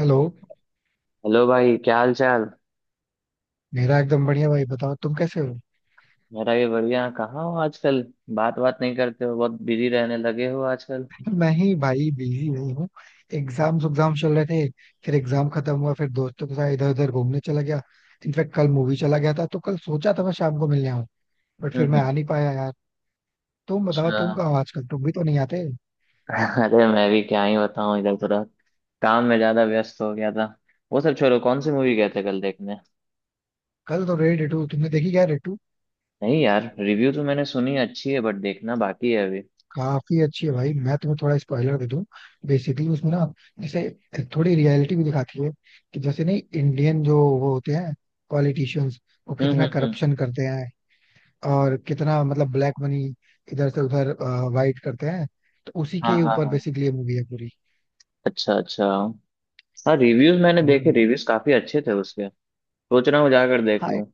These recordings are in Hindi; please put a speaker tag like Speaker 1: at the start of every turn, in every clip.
Speaker 1: हेलो.
Speaker 2: हेलो भाई क्या हाल चाल।
Speaker 1: मेरा एकदम बढ़िया भाई. बताओ तुम कैसे हो.
Speaker 2: मेरा ये बढ़िया। कहाँ हो आजकल। बात बात नहीं करते हो, बहुत बिजी रहने लगे हो आजकल।
Speaker 1: मैं ही भाई बिजी हुई हूँ. एग्जाम चल रहे थे. फिर एग्जाम खत्म हुआ, फिर दोस्तों के साथ इधर उधर घूमने चला गया. इनफैक्ट कल मूवी चला गया था, तो कल सोचा था मैं शाम को मिलने आऊँ, बट फिर मैं आ
Speaker 2: हम्म।
Speaker 1: नहीं पाया यार. तुम बताओ
Speaker 2: अच्छा।
Speaker 1: तुम कहाँ हो आजकल, तुम भी तो नहीं आते.
Speaker 2: अरे मैं भी क्या ही बताऊँ, इधर थोड़ा काम में ज्यादा व्यस्त हो गया था। वो सब छोड़ो, कौन सी मूवी गए थे कल देखने।
Speaker 1: कल तो रेड 2, तुमने देखी क्या रेड 2?
Speaker 2: नहीं यार, रिव्यू तो मैंने सुनी है, अच्छी है बट देखना बाकी है अभी।
Speaker 1: काफी अच्छी है भाई, मैं तुम्हें थोड़ा स्पॉइलर दे दूं. बेसिकली उसमें ना, जैसे थोड़ी रियलिटी भी दिखाती है, कि जैसे नहीं इंडियन जो वो होते हैं, पॉलिटिशियंस, वो कितना
Speaker 2: हम्म।
Speaker 1: करप्शन करते हैं और कितना मतलब ब्लैक मनी इधर से उधर वाइट करते हैं. तो उसी
Speaker 2: हाँ
Speaker 1: के
Speaker 2: हाँ
Speaker 1: ऊपर
Speaker 2: हाँ।
Speaker 1: बेसिकली ये मूवी है पूरी.
Speaker 2: अच्छा अच्छा। हाँ, रिव्यूज मैंने देखे।
Speaker 1: हम्म.
Speaker 2: रिव्यूज काफी अच्छे थे उसके। सोच रहा हूँ जाकर देख
Speaker 1: हाँ,
Speaker 2: लूँ।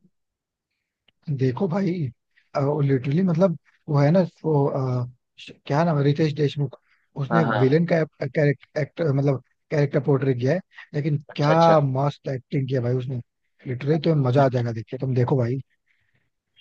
Speaker 1: देखो भाई, लिटरली मतलब वो है ना वो क्या नाम है, रितेश देशमुख,
Speaker 2: हाँ
Speaker 1: उसने
Speaker 2: हाँ।
Speaker 1: विलेन का कैरेक्टर मतलब कैरेक्टर पोर्ट्रे किया है. लेकिन
Speaker 2: अच्छा
Speaker 1: क्या
Speaker 2: अच्छा।
Speaker 1: मस्त एक्टिंग किया भाई उसने. लिटरली तो मजा आ जाएगा, देखिए तुम देखो भाई.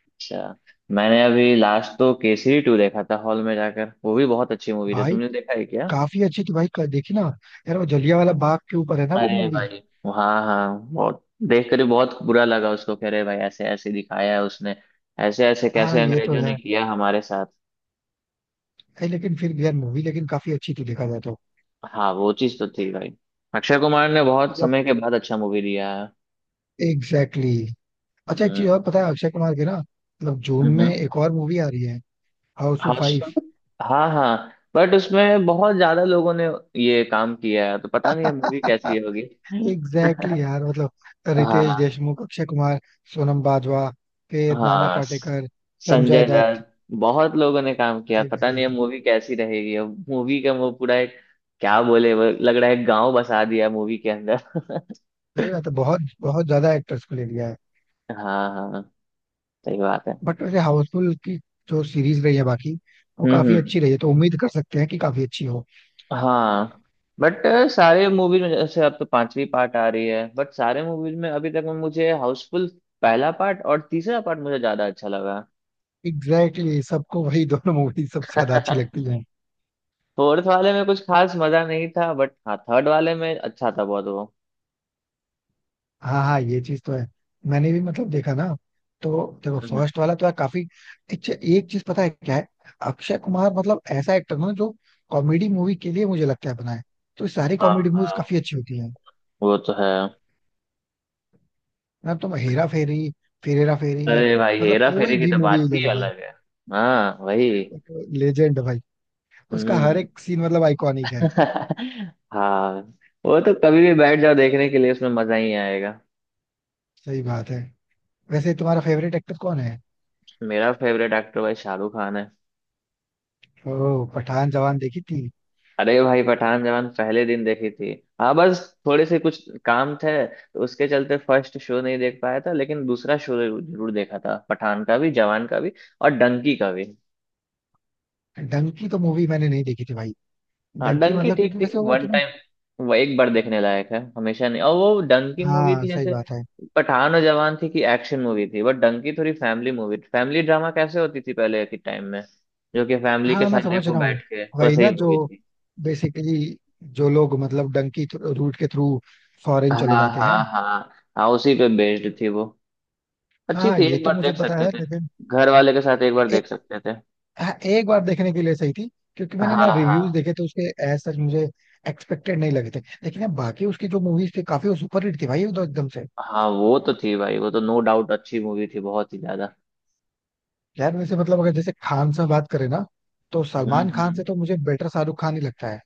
Speaker 2: अच्छा। मैंने अभी लास्ट तो केसरी टू देखा था हॉल में जाकर। वो भी बहुत अच्छी मूवी थी,
Speaker 1: भाई
Speaker 2: तुमने देखा है क्या?
Speaker 1: काफी अच्छी थी भाई, देखी ना. यार वो जलिया वाला बाग के ऊपर है ना वो
Speaker 2: अरे
Speaker 1: मूवी.
Speaker 2: भाई। हाँ हाँ, बहुत देख कर ही बहुत बुरा लगा। उसको कह रहे भाई, ऐसे ऐसे दिखाया है उसने। ऐसे ऐसे
Speaker 1: हाँ
Speaker 2: कैसे
Speaker 1: ये तो
Speaker 2: अंग्रेजों ने
Speaker 1: है.
Speaker 2: किया हमारे साथ।
Speaker 1: नहीं लेकिन फिर भी यार मूवी लेकिन काफी अच्छी थी देखा जाए तो.
Speaker 2: हाँ वो चीज तो थी भाई। अक्षय कुमार ने बहुत
Speaker 1: मतलब
Speaker 2: समय के बाद अच्छा मूवी दिया है।
Speaker 1: Exactly exactly. अच्छा एक
Speaker 2: हम्म
Speaker 1: चीज और पता है, अक्षय कुमार की ना मतलब जून में
Speaker 2: हम्म।
Speaker 1: एक और मूवी आ रही है, हाउसफुल
Speaker 2: हाँ
Speaker 1: फाइव
Speaker 2: उसका- हाँ हाँ, बट उसमें बहुत ज्यादा लोगों ने ये काम किया है तो पता नहीं है मूवी कैसी होगी।
Speaker 1: एग्जैक्टली. यार मतलब रितेश
Speaker 2: हाँ
Speaker 1: देशमुख, अक्षय कुमार, सोनम बाजवा, फिर नाना
Speaker 2: हाँ।
Speaker 1: पाटेकर, संजय
Speaker 2: संजय
Speaker 1: दत्त.
Speaker 2: दत्त। बहुत लोगों ने काम किया, पता नहीं अब
Speaker 1: एग्जैक्टली.
Speaker 2: मूवी कैसी रहेगी। अब मूवी का वो पूरा एक क्या बोले, वो लग रहा है गांव बसा दिया मूवी के अंदर।
Speaker 1: सही बात है, बहुत बहुत ज्यादा एक्टर्स को ले लिया है.
Speaker 2: हाँ हाँ। सही बात है।
Speaker 1: बट वैसे हाउसफुल की जो सीरीज रही है बाकी, वो काफी
Speaker 2: हम्म।
Speaker 1: अच्छी रही है, तो उम्मीद कर सकते हैं कि काफी अच्छी हो.
Speaker 2: हाँ। बट सारे मूवीज में जैसे, अब तो पांचवी पार्ट आ रही है, बट सारे मूवीज में अभी तक में मुझे हाउसफुल पहला पार्ट और तीसरा पार्ट मुझे ज्यादा अच्छा लगा।
Speaker 1: एग्जैक्टली, सबको वही दोनों मूवी सबसे ज्यादा अच्छी लगती है.
Speaker 2: फोर्थ वाले में कुछ खास मजा नहीं था, बट हाँ थर्ड वाले में अच्छा था बहुत वो।
Speaker 1: हाँ हाँ, ये चीज तो है. मैंने भी मतलब देखा ना, तो देखो
Speaker 2: हम्म।
Speaker 1: फर्स्ट वाला तो यार काफी. एक चीज पता है क्या है, अक्षय कुमार मतलब ऐसा एक्टर ना जो कॉमेडी मूवी के लिए मुझे लगता है बना है. तो सारी
Speaker 2: हाँ
Speaker 1: कॉमेडी मूवीज काफी
Speaker 2: हाँ,
Speaker 1: अच्छी होती है
Speaker 2: वो तो है।
Speaker 1: ना. तुम हेरा फेरी, फिर हेरा फेरी,
Speaker 2: अरे भाई,
Speaker 1: मतलब
Speaker 2: हेरा
Speaker 1: कोई
Speaker 2: फेरी की
Speaker 1: भी
Speaker 2: तो
Speaker 1: मूवी
Speaker 2: बात
Speaker 1: ले
Speaker 2: ही
Speaker 1: लो भाई,
Speaker 2: अलग है। हाँ वही।
Speaker 1: लेजेंड है भाई. उसका हर
Speaker 2: हम्म।
Speaker 1: एक सीन मतलब आइकॉनिक है.
Speaker 2: हाँ, वो तो कभी भी बैठ जाओ देखने के लिए, उसमें मजा ही आएगा।
Speaker 1: सही बात है. वैसे तुम्हारा फेवरेट एक्टर कौन है.
Speaker 2: मेरा फेवरेट एक्टर भाई शाहरुख खान है।
Speaker 1: ओ, पठान जवान देखी थी.
Speaker 2: अरे भाई, पठान जवान पहले दिन देखी थी। हाँ बस। थोड़े से कुछ काम थे तो उसके चलते फर्स्ट शो नहीं देख पाया था, लेकिन दूसरा शो जरूर देखा था, पठान का भी जवान का भी। और डंकी का भी।
Speaker 1: डंकी तो मूवी मैंने नहीं देखी थी भाई.
Speaker 2: हाँ,
Speaker 1: डंकी
Speaker 2: डंकी
Speaker 1: मतलब
Speaker 2: ठीक
Speaker 1: क्योंकि
Speaker 2: थी
Speaker 1: वैसे वो
Speaker 2: वन
Speaker 1: तुम.
Speaker 2: टाइम। वो एक बार देखने लायक है, हमेशा नहीं। और वो डंकी मूवी
Speaker 1: हाँ
Speaker 2: थी,
Speaker 1: सही
Speaker 2: जैसे
Speaker 1: बात है.
Speaker 2: पठान और जवान थी कि एक्शन मूवी थी, बट डंकी थोड़ी फैमिली मूवी, फैमिली ड्रामा कैसे होती थी पहले के टाइम में। जो कि फैमिली के
Speaker 1: हाँ मैं
Speaker 2: साथ
Speaker 1: समझ
Speaker 2: देखो
Speaker 1: रहा हूँ.
Speaker 2: बैठ के,
Speaker 1: वही
Speaker 2: वैसे ही
Speaker 1: ना जो
Speaker 2: मूवी थी।
Speaker 1: बेसिकली जो लोग मतलब डंकी रूट के थ्रू फॉरेन
Speaker 2: हाँ
Speaker 1: चले
Speaker 2: हाँ
Speaker 1: जाते हैं.
Speaker 2: हाँ। हाँ उसी पे बेस्ड थी वो। अच्छी
Speaker 1: हाँ
Speaker 2: थी,
Speaker 1: ये
Speaker 2: एक
Speaker 1: तो
Speaker 2: बार
Speaker 1: मुझे
Speaker 2: देख
Speaker 1: पता
Speaker 2: सकते
Speaker 1: है
Speaker 2: थे।
Speaker 1: लेकिन
Speaker 2: घर वाले के साथ एक बार
Speaker 1: ए,
Speaker 2: देख सकते थे।
Speaker 1: हाँ, एक बार देखने के लिए सही थी. क्योंकि मैंने
Speaker 2: हाँ
Speaker 1: ना रिव्यूज
Speaker 2: हाँ।
Speaker 1: देखे थे उसके, एज सच मुझे एक्सपेक्टेड नहीं लगे थे. लेकिन अब बाकी उसकी जो मूवीज थी काफी सुपर हिट थी भाई, वो तो एकदम से.
Speaker 2: हाँ वो तो थी भाई, वो तो नो डाउट अच्छी मूवी थी बहुत ही ज्यादा।
Speaker 1: यार वैसे मतलब अगर जैसे खान से बात करें ना, तो सलमान खान
Speaker 2: हम्म।
Speaker 1: से तो मुझे बेटर शाहरुख खान ही लगता है.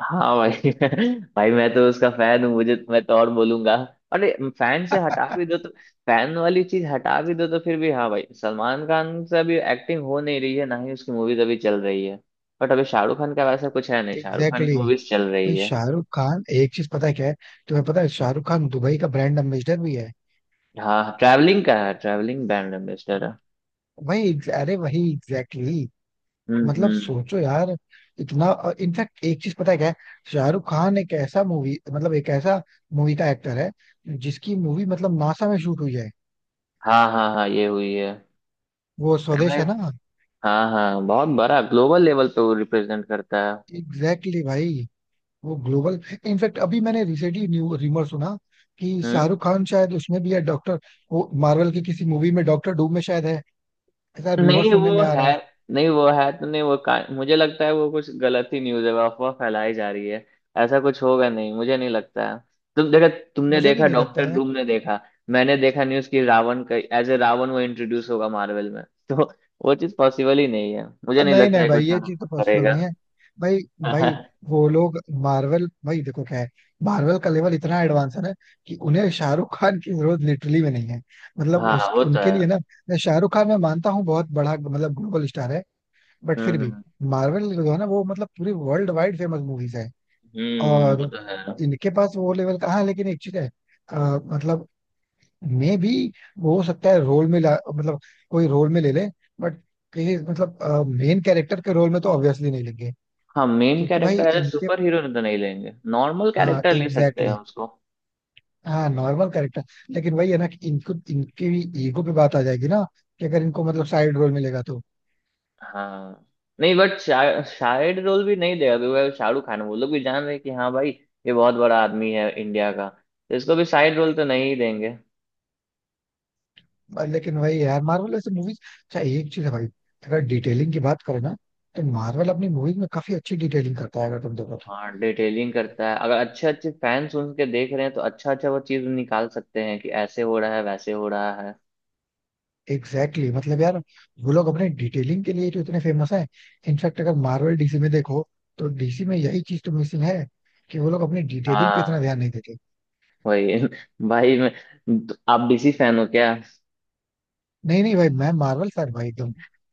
Speaker 2: हाँ भाई। भाई मैं तो उसका फैन हूँ। मुझे मैं तो और बोलूंगा। अरे। फैन से हटा भी दो तो फैन वाली चीज हटा भी दो तो फिर भी, हाँ भाई, सलमान खान से अभी एक्टिंग हो नहीं रही है, ना ही उसकी मूवीज अभी चल रही है। बट अभी शाहरुख खान का वैसा कुछ है नहीं, शाहरुख खान की
Speaker 1: एग्जैक्टली.
Speaker 2: मूवीज चल
Speaker 1: भाई
Speaker 2: रही है।
Speaker 1: शाहरुख खान एक चीज पता है क्या है, तुम्हें पता है शाहरुख खान दुबई का ब्रांड एम्बेसडर भी है.
Speaker 2: हाँ, ट्रैवलिंग का है, ट्रैवलिंग ब्रांड एम्बेसडर है।
Speaker 1: वही, अरे वही एग्जैक्टली exactly. मतलब
Speaker 2: हम्म।
Speaker 1: सोचो यार, इतना. इनफैक्ट एक चीज पता है क्या है, शाहरुख खान एक ऐसा मूवी मतलब एक ऐसा मूवी का एक्टर है, जिसकी मूवी मतलब नासा में शूट हुई है.
Speaker 2: हाँ हाँ हाँ, ये हुई है।
Speaker 1: वो
Speaker 2: अरे
Speaker 1: स्वदेश
Speaker 2: भाई।
Speaker 1: है ना.
Speaker 2: हाँ हाँ, बहुत बड़ा ग्लोबल लेवल पे वो रिप्रेजेंट करता है।
Speaker 1: एग्जैक्टली भाई, वो ग्लोबल. इनफैक्ट अभी मैंने रिसेंटली न्यू रिमर सुना कि
Speaker 2: हम्म।
Speaker 1: शाहरुख खान शायद उसमें भी है डॉक्टर, वो मार्वल की किसी मूवी में डॉक्टर डूम में शायद है. ऐसा रिमर
Speaker 2: नहीं
Speaker 1: सुनने
Speaker 2: वो
Speaker 1: में आ
Speaker 2: है।
Speaker 1: रहा है.
Speaker 2: नहीं वो है तो नहीं। मुझे लगता है वो कुछ गलत ही न्यूज़ है, वो अफवाह फैलाई जा रही है। ऐसा कुछ होगा नहीं, मुझे नहीं लगता है। तुम देखा तुमने
Speaker 1: मुझे भी
Speaker 2: देखा,
Speaker 1: नहीं लगता
Speaker 2: डॉक्टर
Speaker 1: है.
Speaker 2: डूम ने देखा? मैंने देखा न्यूज़ कि रावण का एज ए रावण वो इंट्रोड्यूस होगा मार्वल में। तो वो चीज़ पॉसिबल ही नहीं है, मुझे नहीं
Speaker 1: नहीं
Speaker 2: लगता
Speaker 1: नहीं
Speaker 2: है कोई
Speaker 1: भाई, ये
Speaker 2: शाहरुख
Speaker 1: चीज तो
Speaker 2: खान
Speaker 1: पॉसिबल
Speaker 2: करेगा।
Speaker 1: नहीं है भाई. भाई वो लोग मार्वल, भाई देखो क्या है, मार्वल का लेवल इतना एडवांस है ना, कि उन्हें शाहरुख खान की जरूरत लिटरली में नहीं है. मतलब
Speaker 2: हाँ
Speaker 1: उस
Speaker 2: वो तो
Speaker 1: उनके
Speaker 2: है।
Speaker 1: लिए ना, मैं शाहरुख खान मैं मानता हूँ बहुत बड़ा मतलब ग्लोबल स्टार है, बट फिर
Speaker 2: हम्म
Speaker 1: भी
Speaker 2: हम्म
Speaker 1: मार्वल जो है ना वो मतलब पूरी वर्ल्ड वाइड फेमस मूवीज है
Speaker 2: वो
Speaker 1: और
Speaker 2: तो है।
Speaker 1: इनके पास वो लेवल का. हाँ लेकिन एक चीज है, अ, मतलब मे भी हो सकता है रोल में मतलब कोई रोल में ले ले, बट कहीं मतलब मेन कैरेक्टर के रोल में तो ऑब्वियसली नहीं लेंगे,
Speaker 2: हाँ, मेन
Speaker 1: क्योंकि भाई
Speaker 2: कैरेक्टर एज
Speaker 1: इनके.
Speaker 2: सुपर हीरो तो नहीं लेंगे, नॉर्मल
Speaker 1: हाँ
Speaker 2: कैरेक्टर ले सकते
Speaker 1: एग्जैक्टली
Speaker 2: हैं
Speaker 1: exactly,
Speaker 2: उसको।
Speaker 1: हाँ नॉर्मल कैरेक्टर. लेकिन वही है ना कि इनको इनकी भी ईगो पे बात आ जाएगी ना, कि अगर इनको मतलब साइड रोल मिलेगा तो.
Speaker 2: हाँ, नहीं बट शायद रोल भी नहीं देगा, क्योंकि अगर शाहरुख खान है, वो लोग भी जान रहे हैं कि हाँ भाई, ये बहुत बड़ा आदमी है इंडिया का, तो इसको भी साइड रोल तो नहीं ही देंगे।
Speaker 1: लेकिन वही यार मार्वल ऐसे मूवीज, अच्छा एक चीज है भाई, अगर डिटेलिंग की बात करें ना, तो मार्वल अपनी मूवीज में काफी अच्छी डिटेलिंग करता है अगर तुम देखो तो.
Speaker 2: हाँ, डिटेलिंग करता है। अगर अच्छे अच्छे फैंस सुन के देख रहे हैं तो अच्छा अच्छा वो चीज निकाल सकते हैं कि ऐसे हो रहा है वैसे हो रहा है।
Speaker 1: Exactly exactly. मतलब यार, वो लोग अपने डिटेलिंग के लिए तो इतने फेमस हैं. इनफैक्ट अगर मार्वल डीसी में देखो, तो डीसी में यही चीज तो मिसिंग है, कि वो लोग अपनी डिटेलिंग पे इतना
Speaker 2: हाँ
Speaker 1: ध्यान नहीं देते.
Speaker 2: वही। भाई मैं तो आप डीसी फैन हो क्या?
Speaker 1: नहीं नहीं भाई, मैं मार्वल फैन भाई एकदम,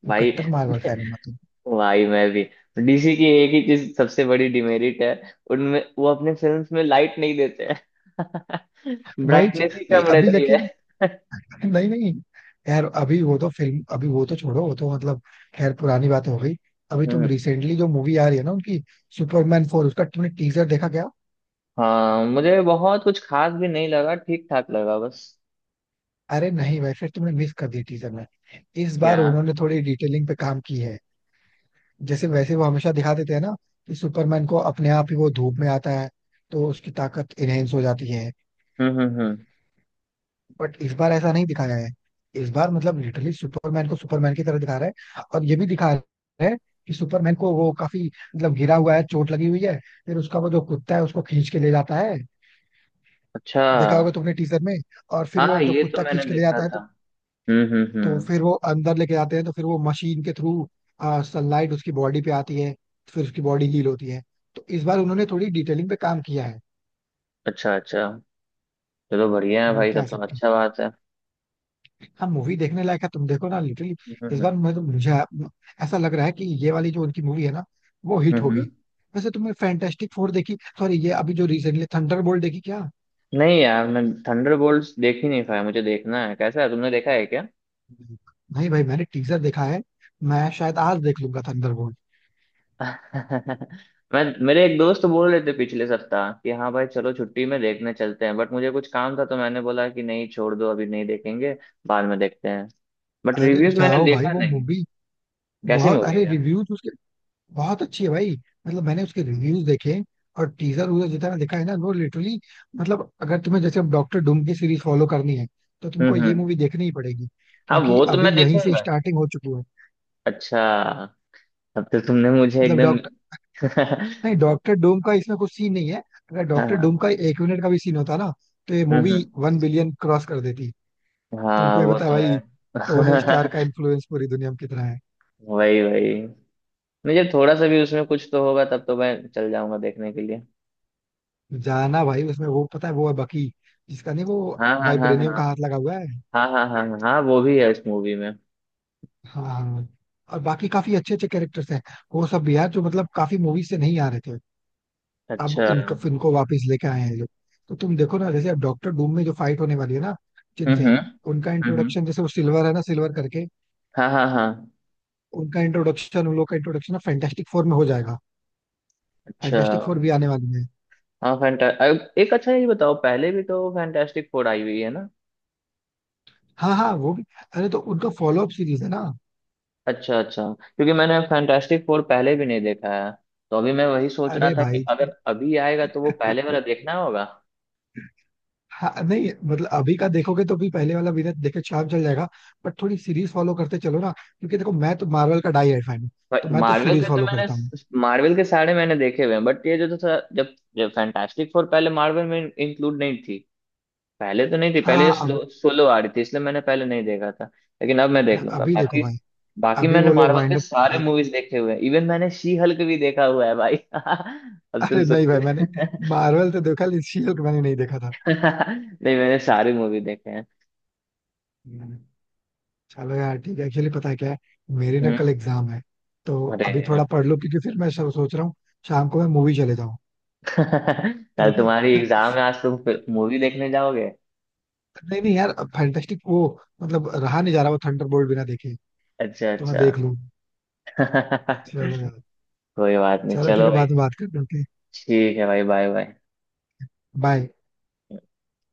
Speaker 1: वो
Speaker 2: भाई
Speaker 1: कट्टर मार्वल फैन हूँ मतलब.
Speaker 2: भाई मैं भी। डीसी की एक ही चीज सबसे बड़ी डिमेरिट है उनमें, वो अपने फिल्म्स में लाइट नहीं देते हैं।
Speaker 1: भाई
Speaker 2: ब्राइटनेस ही
Speaker 1: नहीं
Speaker 2: कम
Speaker 1: अभी
Speaker 2: रहती है।
Speaker 1: लेकिन. नहीं नहीं यार, अभी वो तो फिल्म, अभी वो तो छोड़ो, वो तो मतलब खैर पुरानी बात हो गई. अभी तुम
Speaker 2: हम्म।
Speaker 1: रिसेंटली जो मूवी आ रही है ना उनकी, सुपरमैन 4, उसका तुमने टीजर देखा क्या.
Speaker 2: हाँ, मुझे बहुत कुछ खास भी नहीं लगा, ठीक ठाक लगा बस।
Speaker 1: अरे नहीं भाई, फिर तुमने मिस कर दी टीजर में. इस
Speaker 2: क्या?
Speaker 1: बार उन्होंने थोड़ी डिटेलिंग पे काम की है. जैसे वैसे वो हमेशा दिखा देते हैं ना, कि सुपरमैन को अपने आप ही वो धूप में आता है, तो उसकी ताकत इनहेंस हो जाती है.
Speaker 2: हम्म।
Speaker 1: बट इस बार ऐसा नहीं दिखाया है. इस बार मतलब लिटरली सुपरमैन को सुपरमैन की तरह दिखा रहा है, और ये भी दिखा रहा है कि सुपरमैन को वो काफी मतलब घिरा हुआ है, चोट लगी हुई है. फिर उसका वो जो कुत्ता है उसको खींच के ले जाता है.
Speaker 2: अच्छा।
Speaker 1: देखा होगा तुमने टीजर में. और फिर
Speaker 2: हाँ
Speaker 1: वो जो
Speaker 2: ये तो
Speaker 1: कुत्ता
Speaker 2: मैंने
Speaker 1: खींच के ले
Speaker 2: देखा
Speaker 1: जाता है,
Speaker 2: था।
Speaker 1: तो
Speaker 2: हम्म।
Speaker 1: फिर वो अंदर लेके जाते हैं, तो फिर वो मशीन के थ्रू सनलाइट उसकी बॉडी पे आती है, फिर उसकी बॉडी हील होती है. तो इस बार उन्होंने थोड़ी डिटेलिंग पे काम किया है.
Speaker 2: अच्छा अच्छा। चलो बढ़िया है भाई,
Speaker 1: कह
Speaker 2: तब तो
Speaker 1: सकते हैं.
Speaker 2: अच्छा बात है।
Speaker 1: हाँ मूवी देखने लायक है, तुम देखो ना लिटरली.
Speaker 2: हम्म
Speaker 1: इस
Speaker 2: हम्म
Speaker 1: बार मैं तो मुझे ऐसा लग रहा है कि ये वाली जो उनकी मूवी है ना, वो हिट
Speaker 2: हम्म
Speaker 1: होगी.
Speaker 2: हम्म।
Speaker 1: वैसे तुमने फैंटास्टिक फोर देखी, सॉरी ये अभी जो रिसेंटली थंडरबोल्ट देखी क्या.
Speaker 2: नहीं यार, मैं थंडरबोल्ट्स देख ही नहीं पाया। मुझे देखना है कैसा है। तुमने देखा है क्या?
Speaker 1: नहीं भाई मैंने टीजर देखा है. मैं शायद आज देख लूंगा थंडरबोल्ट.
Speaker 2: मैं मेरे एक दोस्त बोल रहे थे पिछले सप्ताह कि हाँ भाई चलो छुट्टी में देखने चलते हैं, बट मुझे कुछ काम था तो मैंने बोला कि नहीं छोड़ दो, अभी नहीं देखेंगे। बाद में देखते हैं। बट
Speaker 1: अरे
Speaker 2: रिव्यूज मैंने
Speaker 1: जाओ भाई
Speaker 2: देखा
Speaker 1: वो
Speaker 2: नहीं।
Speaker 1: मूवी,
Speaker 2: कैसी
Speaker 1: बहुत,
Speaker 2: मूवी
Speaker 1: अरे
Speaker 2: है?
Speaker 1: रिव्यूज उसके, बहुत अच्छी है भाई. मतलब मैंने उसके रिव्यूज देखे और टीजर वूजर जितना देखा है ना वो लिटरली. मतलब अगर तुम्हें जैसे अब डॉक्टर डूम की सीरीज फॉलो करनी है, तो तुमको ये
Speaker 2: हम्म।
Speaker 1: मूवी देखनी ही पड़ेगी
Speaker 2: हाँ
Speaker 1: क्योंकि
Speaker 2: वो तो
Speaker 1: अभी
Speaker 2: मैं
Speaker 1: यहीं से
Speaker 2: देखूंगा।
Speaker 1: स्टार्टिंग हो चुकी है.
Speaker 2: अच्छा। तब तो तुमने मुझे
Speaker 1: मतलब
Speaker 2: एकदम।
Speaker 1: डॉक्टर, नहीं डॉक्टर डूम का इसमें कुछ सीन नहीं है. अगर डॉक्टर डूम
Speaker 2: हाँ।
Speaker 1: का एक मिनट का भी सीन होता ना, तो ये मूवी
Speaker 2: हम्म।
Speaker 1: 1 बिलियन क्रॉस कर देती. तुमको
Speaker 2: हाँ
Speaker 1: ये
Speaker 2: वो
Speaker 1: बता
Speaker 2: तो
Speaker 1: भाई,
Speaker 2: है।
Speaker 1: टोनी स्टार का इन्फ्लुएंस पूरी दुनिया में कितना है.
Speaker 2: वही वही। मुझे थोड़ा सा भी उसमें कुछ तो होगा तब तो मैं चल जाऊंगा देखने के लिए।
Speaker 1: जाना भाई, उसमें वो पता है वो है बकी, जिसका नहीं वो
Speaker 2: हाँ हाँ हाँ हाँ।
Speaker 1: वाइब्रेनियम
Speaker 2: हाँ
Speaker 1: का हाथ लगा हुआ है.
Speaker 2: हाँ हाँ हाँ हाँ, वो भी है इस मूवी में।
Speaker 1: हाँ हाँ. और बाकी काफी अच्छे अच्छे कैरेक्टर्स हैं, वो सब भी यार जो मतलब काफी मूवीज से नहीं आ रहे थे, अब
Speaker 2: अच्छा।
Speaker 1: इनको इनको वापस लेके आए हैं ये लोग. तो तुम देखो ना जैसे अब डॉक्टर डूम में जो फाइट होने वाली है ना, जिनसे,
Speaker 2: हम्म
Speaker 1: उनका
Speaker 2: हम्म,
Speaker 1: इंट्रोडक्शन जैसे वो सिल्वर है ना सिल्वर करके,
Speaker 2: हाँ हाँ हाँ।
Speaker 1: उनका इंट्रोडक्शन उन लोग का इंट्रोडक्शन ना फैंटास्टिक फोर में हो जाएगा.
Speaker 2: अच्छा।
Speaker 1: फैंटास्टिक फोर भी आने वाली है.
Speaker 2: हाँ फैंटा एक अच्छा ये बताओ, पहले भी तो फैंटास्टिक फोर आई हुई है ना?
Speaker 1: हाँ हाँ वो भी, अरे तो उनका फॉलो अप सीरीज है ना.
Speaker 2: अच्छा अच्छा, क्योंकि मैंने फैंटास्टिक फोर पहले भी नहीं देखा है। तो अभी मैं वही सोच रहा
Speaker 1: अरे
Speaker 2: था कि
Speaker 1: भाई,
Speaker 2: अगर अभी आएगा तो वो पहले वाला देखना होगा।
Speaker 1: हाँ नहीं मतलब अभी का देखोगे तो भी पहले वाला विलेन देखे चार्म चल जाएगा, बट थोड़ी सीरीज फॉलो करते चलो ना क्योंकि देखो मैं तो मार्वल का डाई फैन हूँ, तो मैं तो
Speaker 2: मार्वल
Speaker 1: सीरीज
Speaker 2: के तो
Speaker 1: फॉलो
Speaker 2: मैंने
Speaker 1: करता हूँ.
Speaker 2: मार्वल के सारे मैंने देखे हुए हैं, बट ये जो था, जब जब फैंटास्टिक फोर पहले मार्वल में इंक्लूड नहीं थी। पहले तो नहीं थी, पहले
Speaker 1: हाँ
Speaker 2: ये
Speaker 1: अब
Speaker 2: स्लो सोलो आ रही थी, इसलिए मैंने पहले नहीं देखा था। लेकिन अब मैं देख लूंगा
Speaker 1: अभी देखो
Speaker 2: बाकी।
Speaker 1: भाई,
Speaker 2: बाकी
Speaker 1: अभी
Speaker 2: मैंने
Speaker 1: वो लोग
Speaker 2: मार्वल
Speaker 1: वाइंड
Speaker 2: के
Speaker 1: अप.
Speaker 2: सारे मूवीज देखे हुए हैं, इवन मैंने शी हल्क भी देखा हुआ है भाई। अब तुम
Speaker 1: अरे नहीं भाई मैंने
Speaker 2: सोचो।
Speaker 1: मार्वल तो देखा लेकिन शील्ड मैंने नहीं देखा था.
Speaker 2: नहीं, मैंने सारी मूवी देखे हैं।
Speaker 1: हम्म, चलो यार ठीक है. एक्चुअली पता है क्या है, मेरे ना
Speaker 2: हम्म।
Speaker 1: कल एग्जाम है, तो अभी
Speaker 2: अरे
Speaker 1: थोड़ा पढ़ लो क्योंकि फिर मैं सोच रहा हूँ शाम को मैं मूवी चले जाऊँ.
Speaker 2: कल
Speaker 1: ठीक है,
Speaker 2: तुम्हारी एग्जाम है, आज तुम मूवी देखने जाओगे?
Speaker 1: नहीं नहीं यार फैंटास्टिक वो, मतलब रहा नहीं जा रहा वो थंडरबोल्ट बिना देखे,
Speaker 2: अच्छा
Speaker 1: तो मैं
Speaker 2: अच्छा।
Speaker 1: देख लूँ. चलो
Speaker 2: कोई
Speaker 1: यार,
Speaker 2: बात नहीं,
Speaker 1: चलो ठीक
Speaker 2: चलो
Speaker 1: है
Speaker 2: भाई।
Speaker 1: बाद में बात करते हैं.
Speaker 2: ठीक है भाई, बाय बाय।
Speaker 1: बाय.